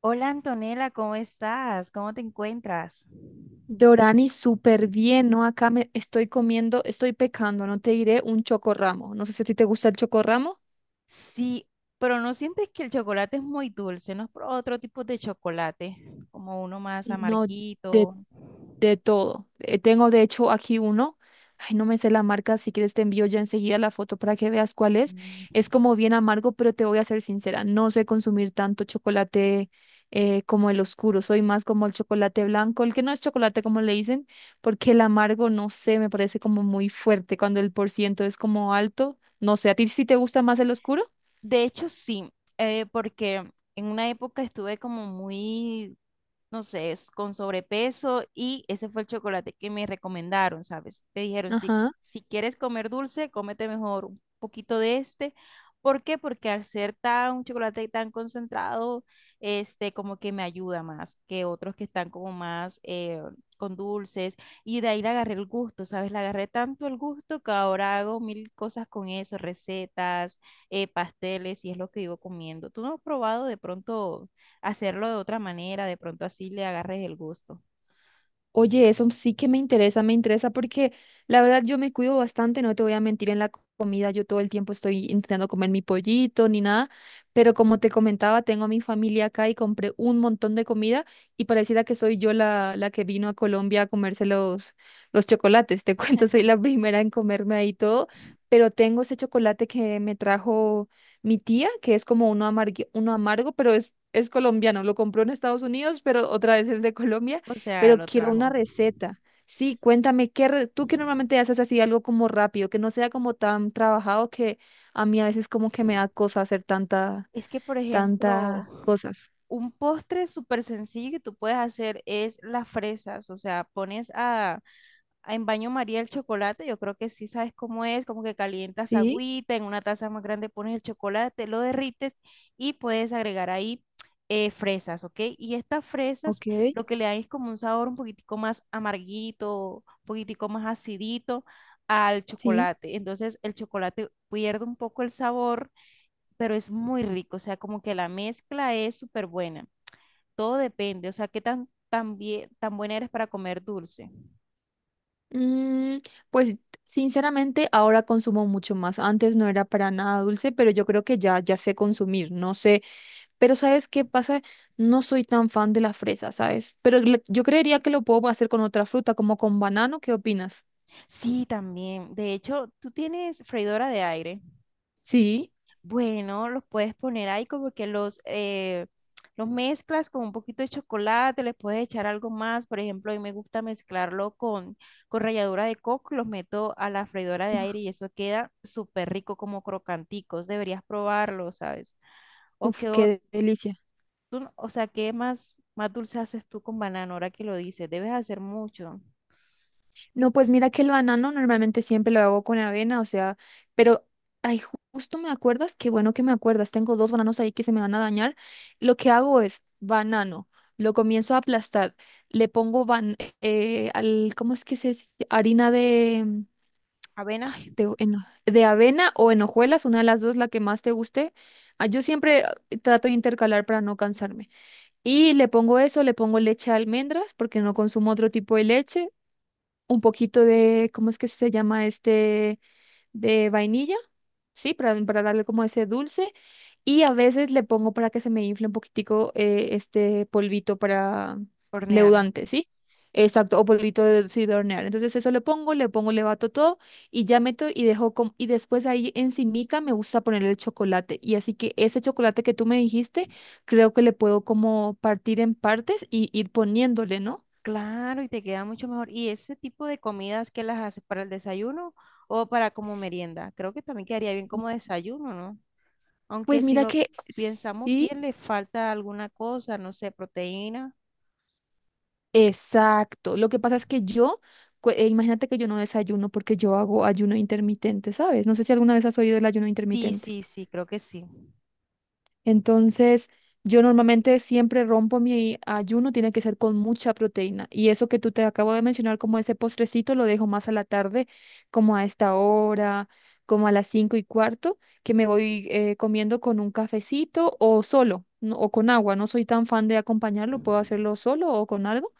Hola Antonella, ¿cómo estás? ¿Cómo te encuentras? Dorani, súper bien, ¿no? Acá me estoy comiendo, estoy pecando, no te diré un chocorramo. No sé si a ti te gusta el chocorramo. Sí, pero ¿no sientes que el chocolate es muy dulce? ¿No es por otro tipo de chocolate, como uno más No, de amarguito? De todo. Tengo de hecho aquí uno. Ay, no me sé la marca. Si quieres te envío ya enseguida la foto para que veas cuál es. Mm. Es como bien amargo, pero te voy a ser sincera. No sé consumir tanto chocolate como el oscuro. Soy más como el chocolate blanco, el que no es chocolate como le dicen, porque el amargo, no sé, me parece como muy fuerte cuando el por ciento es como alto. No sé, ¿a ti sí te gusta más el oscuro? De hecho, sí, porque en una época estuve como muy no sé, es con sobrepeso y ese fue el chocolate que me recomendaron, ¿sabes? Me dijeron, si, Ajá. si quieres comer dulce, cómete mejor un poquito de este. ¿Por qué? Porque al ser tan, un chocolate tan concentrado, este, como que me ayuda más que otros que están como más con dulces. Y de ahí le agarré el gusto, ¿sabes? Le agarré tanto el gusto que ahora hago mil cosas con eso, recetas, pasteles, y es lo que vivo comiendo. ¿Tú no has probado de pronto hacerlo de otra manera, de pronto así le agarres el gusto? Oye, eso sí que me interesa porque la verdad yo me cuido bastante, no te voy a mentir en la comida, yo todo el tiempo estoy intentando comer mi pollito ni nada, pero como te comentaba, tengo a mi familia acá y compré un montón de comida y pareciera que soy yo la que vino a Colombia a comerse los chocolates, te cuento, soy la primera en comerme ahí todo, pero tengo ese chocolate que me trajo mi tía, que es como uno amargo, pero es... Es colombiano, lo compró en Estados Unidos, pero otra vez es de Colombia. O sea, Pero lo quiero una trajo. receta. Sí, cuéntame, tú que normalmente haces así algo como rápido, que no sea como tan trabajado que a mí a veces como que me da cosa hacer tanta, Es que, por tanta ejemplo, cosas? un postre súper sencillo que tú puedes hacer es las fresas. O sea, pones a en baño María el chocolate, yo creo que sí sabes cómo es, como que calientas Sí, agüita, en una taza más grande pones el chocolate, lo derrites y puedes agregar ahí fresas, ¿ok? Y estas fresas ok, lo que le dan es como un sabor un poquitico más amarguito, un poquitico más acidito al sí. chocolate. Entonces el chocolate pierde un poco el sabor, pero es muy rico, o sea, como que la mezcla es súper buena. Todo depende, o sea, qué tan, tan bien, tan buena eres para comer dulce. Mm, pues sinceramente ahora consumo mucho más. Antes no era para nada dulce, pero yo creo que ya sé consumir, no sé. Pero ¿sabes qué pasa? No soy tan fan de la fresa, ¿sabes? Pero yo creería que lo puedo hacer con otra fruta, como con banano, ¿qué opinas? Sí, también. De hecho, tú tienes freidora de aire. Sí. Bueno, los puedes poner ahí como que los mezclas con un poquito de chocolate, les puedes echar algo más. Por ejemplo, a mí me gusta mezclarlo con ralladura de coco y los meto a la freidora de aire y eso queda súper rico como crocanticos. Deberías probarlo, ¿sabes? O Uf, que o, qué delicia. tú- no, o sea, ¿qué más, más dulce haces tú con banano ahora que lo dices? Debes hacer mucho. No, pues mira que el banano normalmente siempre lo hago con avena, o sea, pero, ay, justo me acuerdas, qué bueno que me acuerdas, tengo dos bananos ahí que se me van a dañar. Lo que hago es banano, lo comienzo a aplastar, le pongo ban al, ¿cómo es que se dice? Harina de, Avena, ay, de avena o en hojuelas, una de las dos, la que más te guste. Ah, Yo siempre ah, Trato de intercalar para no cansarme. Y le pongo eso, le pongo leche de almendras porque no consumo otro tipo de leche, un poquito de, ¿cómo es que se llama este? De vainilla, ¿sí? Para darle como ese dulce. Y a veces le pongo para que se me infle un poquitico este polvito para hornear. leudante, ¿sí? Exacto, o polvito de, sí, de hornear. Entonces eso le pongo, le pongo, le bato todo y ya meto y y después ahí encimica me gusta ponerle el chocolate. Y así que ese chocolate que tú me dijiste, creo que le puedo como partir en partes y ir poniéndole, ¿no? Claro, y te queda mucho mejor. ¿Y ese tipo de comidas que las haces para el desayuno o para como merienda? Creo que también quedaría bien como desayuno, ¿no? Aunque Pues si mira lo que pensamos sí. bien, le falta alguna cosa, no sé, proteína. Exacto. Lo que pasa es que imagínate que yo no desayuno porque yo hago ayuno intermitente, ¿sabes? No sé si alguna vez has oído del ayuno Sí, intermitente. sí, sí, creo que sí. Entonces, yo normalmente siempre rompo mi ayuno, tiene que ser con mucha proteína. Y eso que tú te acabo de mencionar, como ese postrecito, lo dejo más a la tarde, como a esta hora, como a las cinco y cuarto, que me voy comiendo con un cafecito o solo, o con agua. No soy tan fan de acompañarlo, puedo hacerlo solo o con algo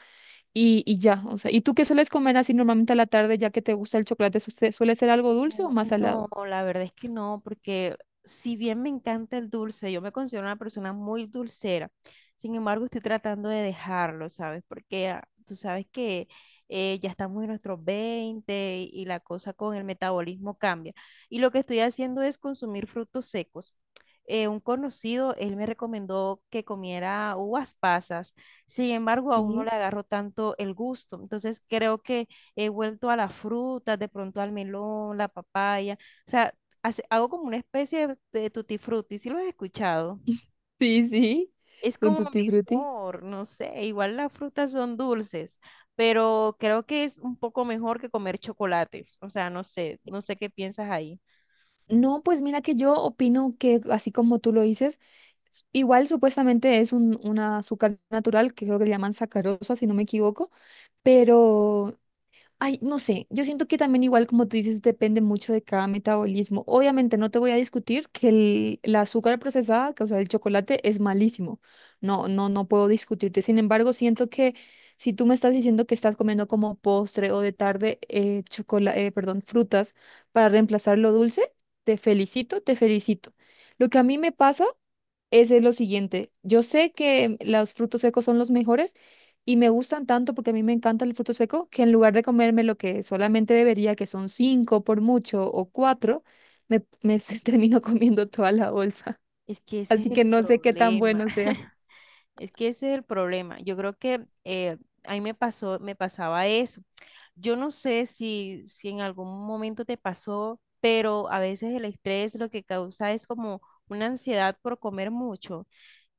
y ya, o sea, ¿y tú qué sueles comer así normalmente a la tarde, ya que te gusta el chocolate? Suele ser algo dulce o No, más salado? no, la verdad es que no, porque si bien me encanta el dulce, yo me considero una persona muy dulcera, sin embargo estoy tratando de dejarlo, ¿sabes? Porque ah, tú sabes que ya estamos en nuestros 20 y la cosa con el metabolismo cambia. Y lo que estoy haciendo es consumir frutos secos. Un conocido, él me recomendó que comiera uvas pasas, sin embargo aún Sí. no le agarro tanto el gusto, entonces creo que he vuelto a las frutas, de pronto al melón, la papaya, o sea, hace- hago como una especie de tutti frutti, si lo has escuchado. Sí, sí, Es un como tutti frutti. mejor, no sé, igual las frutas son dulces, pero creo que es un poco mejor que comer chocolates, o sea, no sé, no sé qué piensas ahí. No, pues mira que yo opino que así como tú lo dices, igual supuestamente es un azúcar natural que creo que le llaman sacarosa, si no me equivoco, pero ay, no sé, yo siento que también igual como tú dices, depende mucho de cada metabolismo. Obviamente no te voy a discutir que la azúcar procesada, que, o sea, el chocolate es malísimo. No, no, no puedo discutirte. Sin embargo, siento que si tú me estás diciendo que estás comiendo como postre o de tarde perdón, frutas para reemplazar lo dulce, te felicito, te felicito. Lo que a mí me pasa es de lo siguiente. Yo sé que los frutos secos son los mejores y me gustan tanto porque a mí me encanta el fruto seco que en lugar de comerme lo que solamente debería, que son cinco por mucho o cuatro, me termino comiendo toda la bolsa. Es que ese es Así el que no sé qué tan problema. bueno sea. Es que ese es el problema. Yo creo que a mí me pasó, me pasaba eso. Yo no sé si, si en algún momento te pasó, pero a veces el estrés lo que causa es como una ansiedad por comer mucho.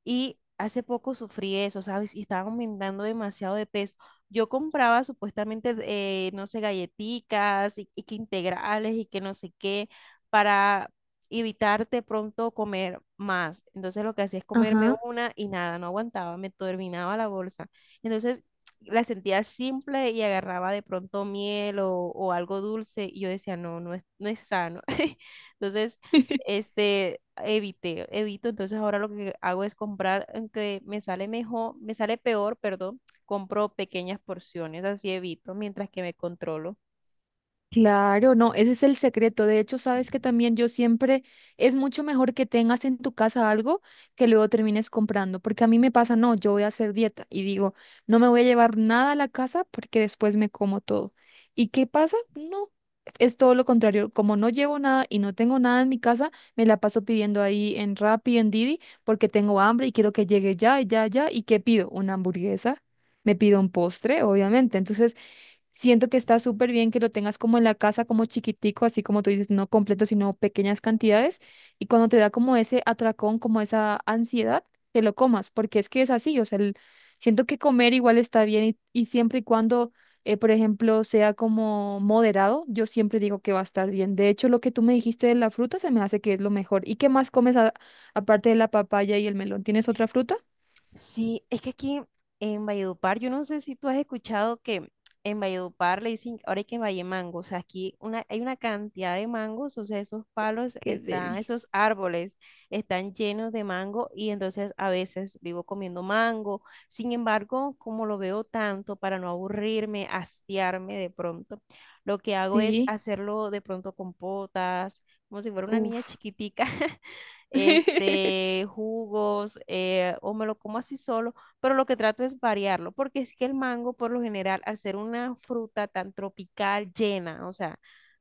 Y hace poco sufrí eso, ¿sabes? Y estaba aumentando demasiado de peso. Yo compraba supuestamente, no sé, galletitas y que integrales y que no sé qué para evitarte pronto comer más. Entonces lo que hacía es comerme Ajá. una y nada, no aguantaba, me terminaba la bolsa. Entonces la sentía simple y agarraba de pronto miel o algo dulce y yo decía, no, no es, no es sano. Entonces este, evité, evito, entonces ahora lo que hago es comprar, aunque me sale mejor, me sale peor, perdón, compro pequeñas porciones, así evito, mientras que me controlo. Claro, no, ese es el secreto. De hecho, sabes que también yo siempre es mucho mejor que tengas en tu casa algo que luego termines comprando, porque a mí me pasa, no, yo voy a hacer dieta y digo, no me voy a llevar nada a la casa porque después me como todo. ¿Y qué pasa? No, es todo lo contrario. Como no llevo nada y no tengo nada en mi casa, me la paso pidiendo ahí en Rappi, en Didi, porque tengo hambre y quiero que llegue ya, ya, ya. ¿Y qué pido? Una hamburguesa. Me pido un postre, obviamente. Entonces, siento que está súper bien que lo tengas como en la casa, como chiquitico, así como tú dices, no completo, sino pequeñas cantidades. Y cuando te da como ese atracón, como esa ansiedad, te lo comas, porque es que es así, o sea, siento que comer igual está bien y siempre y cuando, por ejemplo, sea como moderado, yo siempre digo que va a estar bien. De hecho, lo que tú me dijiste de la fruta se me hace que es lo mejor. ¿Y qué más comes aparte de la papaya y el melón? ¿Tienes otra fruta? Sí, es que aquí en Valledupar, yo no sé si tú has escuchado que en Valledupar le dicen, ahora hay que en Vallemango, o sea, aquí una, hay una cantidad de mangos, o sea, esos palos están, esos árboles están llenos de mango y entonces a veces vivo comiendo mango. Sin embargo, como lo veo tanto, para no aburrirme, hastiarme de pronto, lo que hago es Sí, hacerlo de pronto con potas, como si fuera una niña uff. chiquitica. este, jugos, o me lo como así solo, pero lo que trato es variarlo, porque es que el mango, por lo general, al ser una fruta tan tropical, llena, o sea,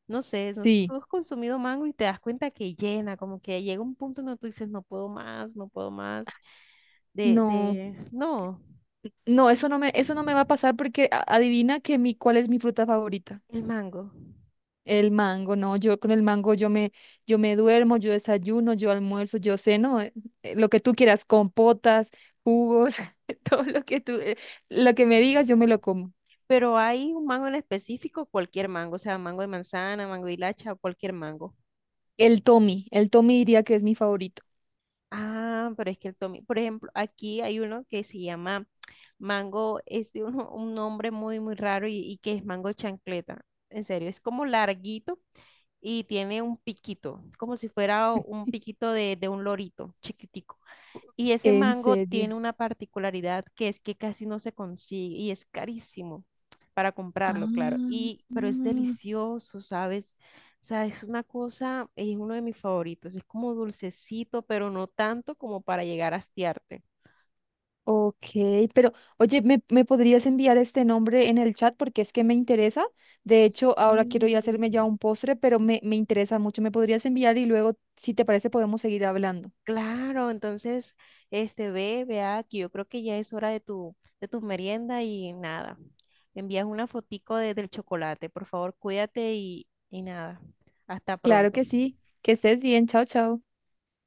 no sé, no sé, Sí. tú has consumido mango y te das cuenta que llena, como que llega un punto donde tú dices, no puedo más, no puedo más, No. de, no, No, eso no me va a pasar porque adivina que cuál es mi fruta favorita. el mango. El mango, no, yo con el mango yo me duermo, yo desayuno, yo almuerzo, yo ceno, lo que tú quieras, compotas, jugos, todo lo que lo que me digas, yo me lo como. Pero hay un mango en específico, cualquier mango, o sea, mango de manzana, mango de hilacha, o cualquier mango. El Tommy diría que es mi favorito. Ah, pero es que el tomi, por ejemplo, aquí hay uno que se llama Mango es de un nombre muy, muy raro y que es mango chancleta. En serio, es como larguito y tiene un piquito, como si fuera un piquito de un lorito chiquitico. Y ese En mango serio. tiene una particularidad que es que casi no se consigue y es carísimo para Ah, comprarlo, claro. Y, pero es delicioso, ¿sabes? O sea, es una cosa, es uno de mis favoritos. Es como dulcecito, pero no tanto como para llegar a hastiarte. ok, pero oye, me podrías enviar este nombre en el chat porque es que me interesa? De hecho, ahora quiero ir a Sí. hacerme ya un postre, me interesa mucho. ¿Me podrías enviar y luego, si te parece, podemos seguir hablando? Claro, entonces, este, ve, ve aquí, yo creo que ya es hora de tu merienda y nada. Me envías una fotico de- del chocolate, por favor, cuídate y nada. Hasta Claro pronto. que sí. Que estés bien. Chao, chao.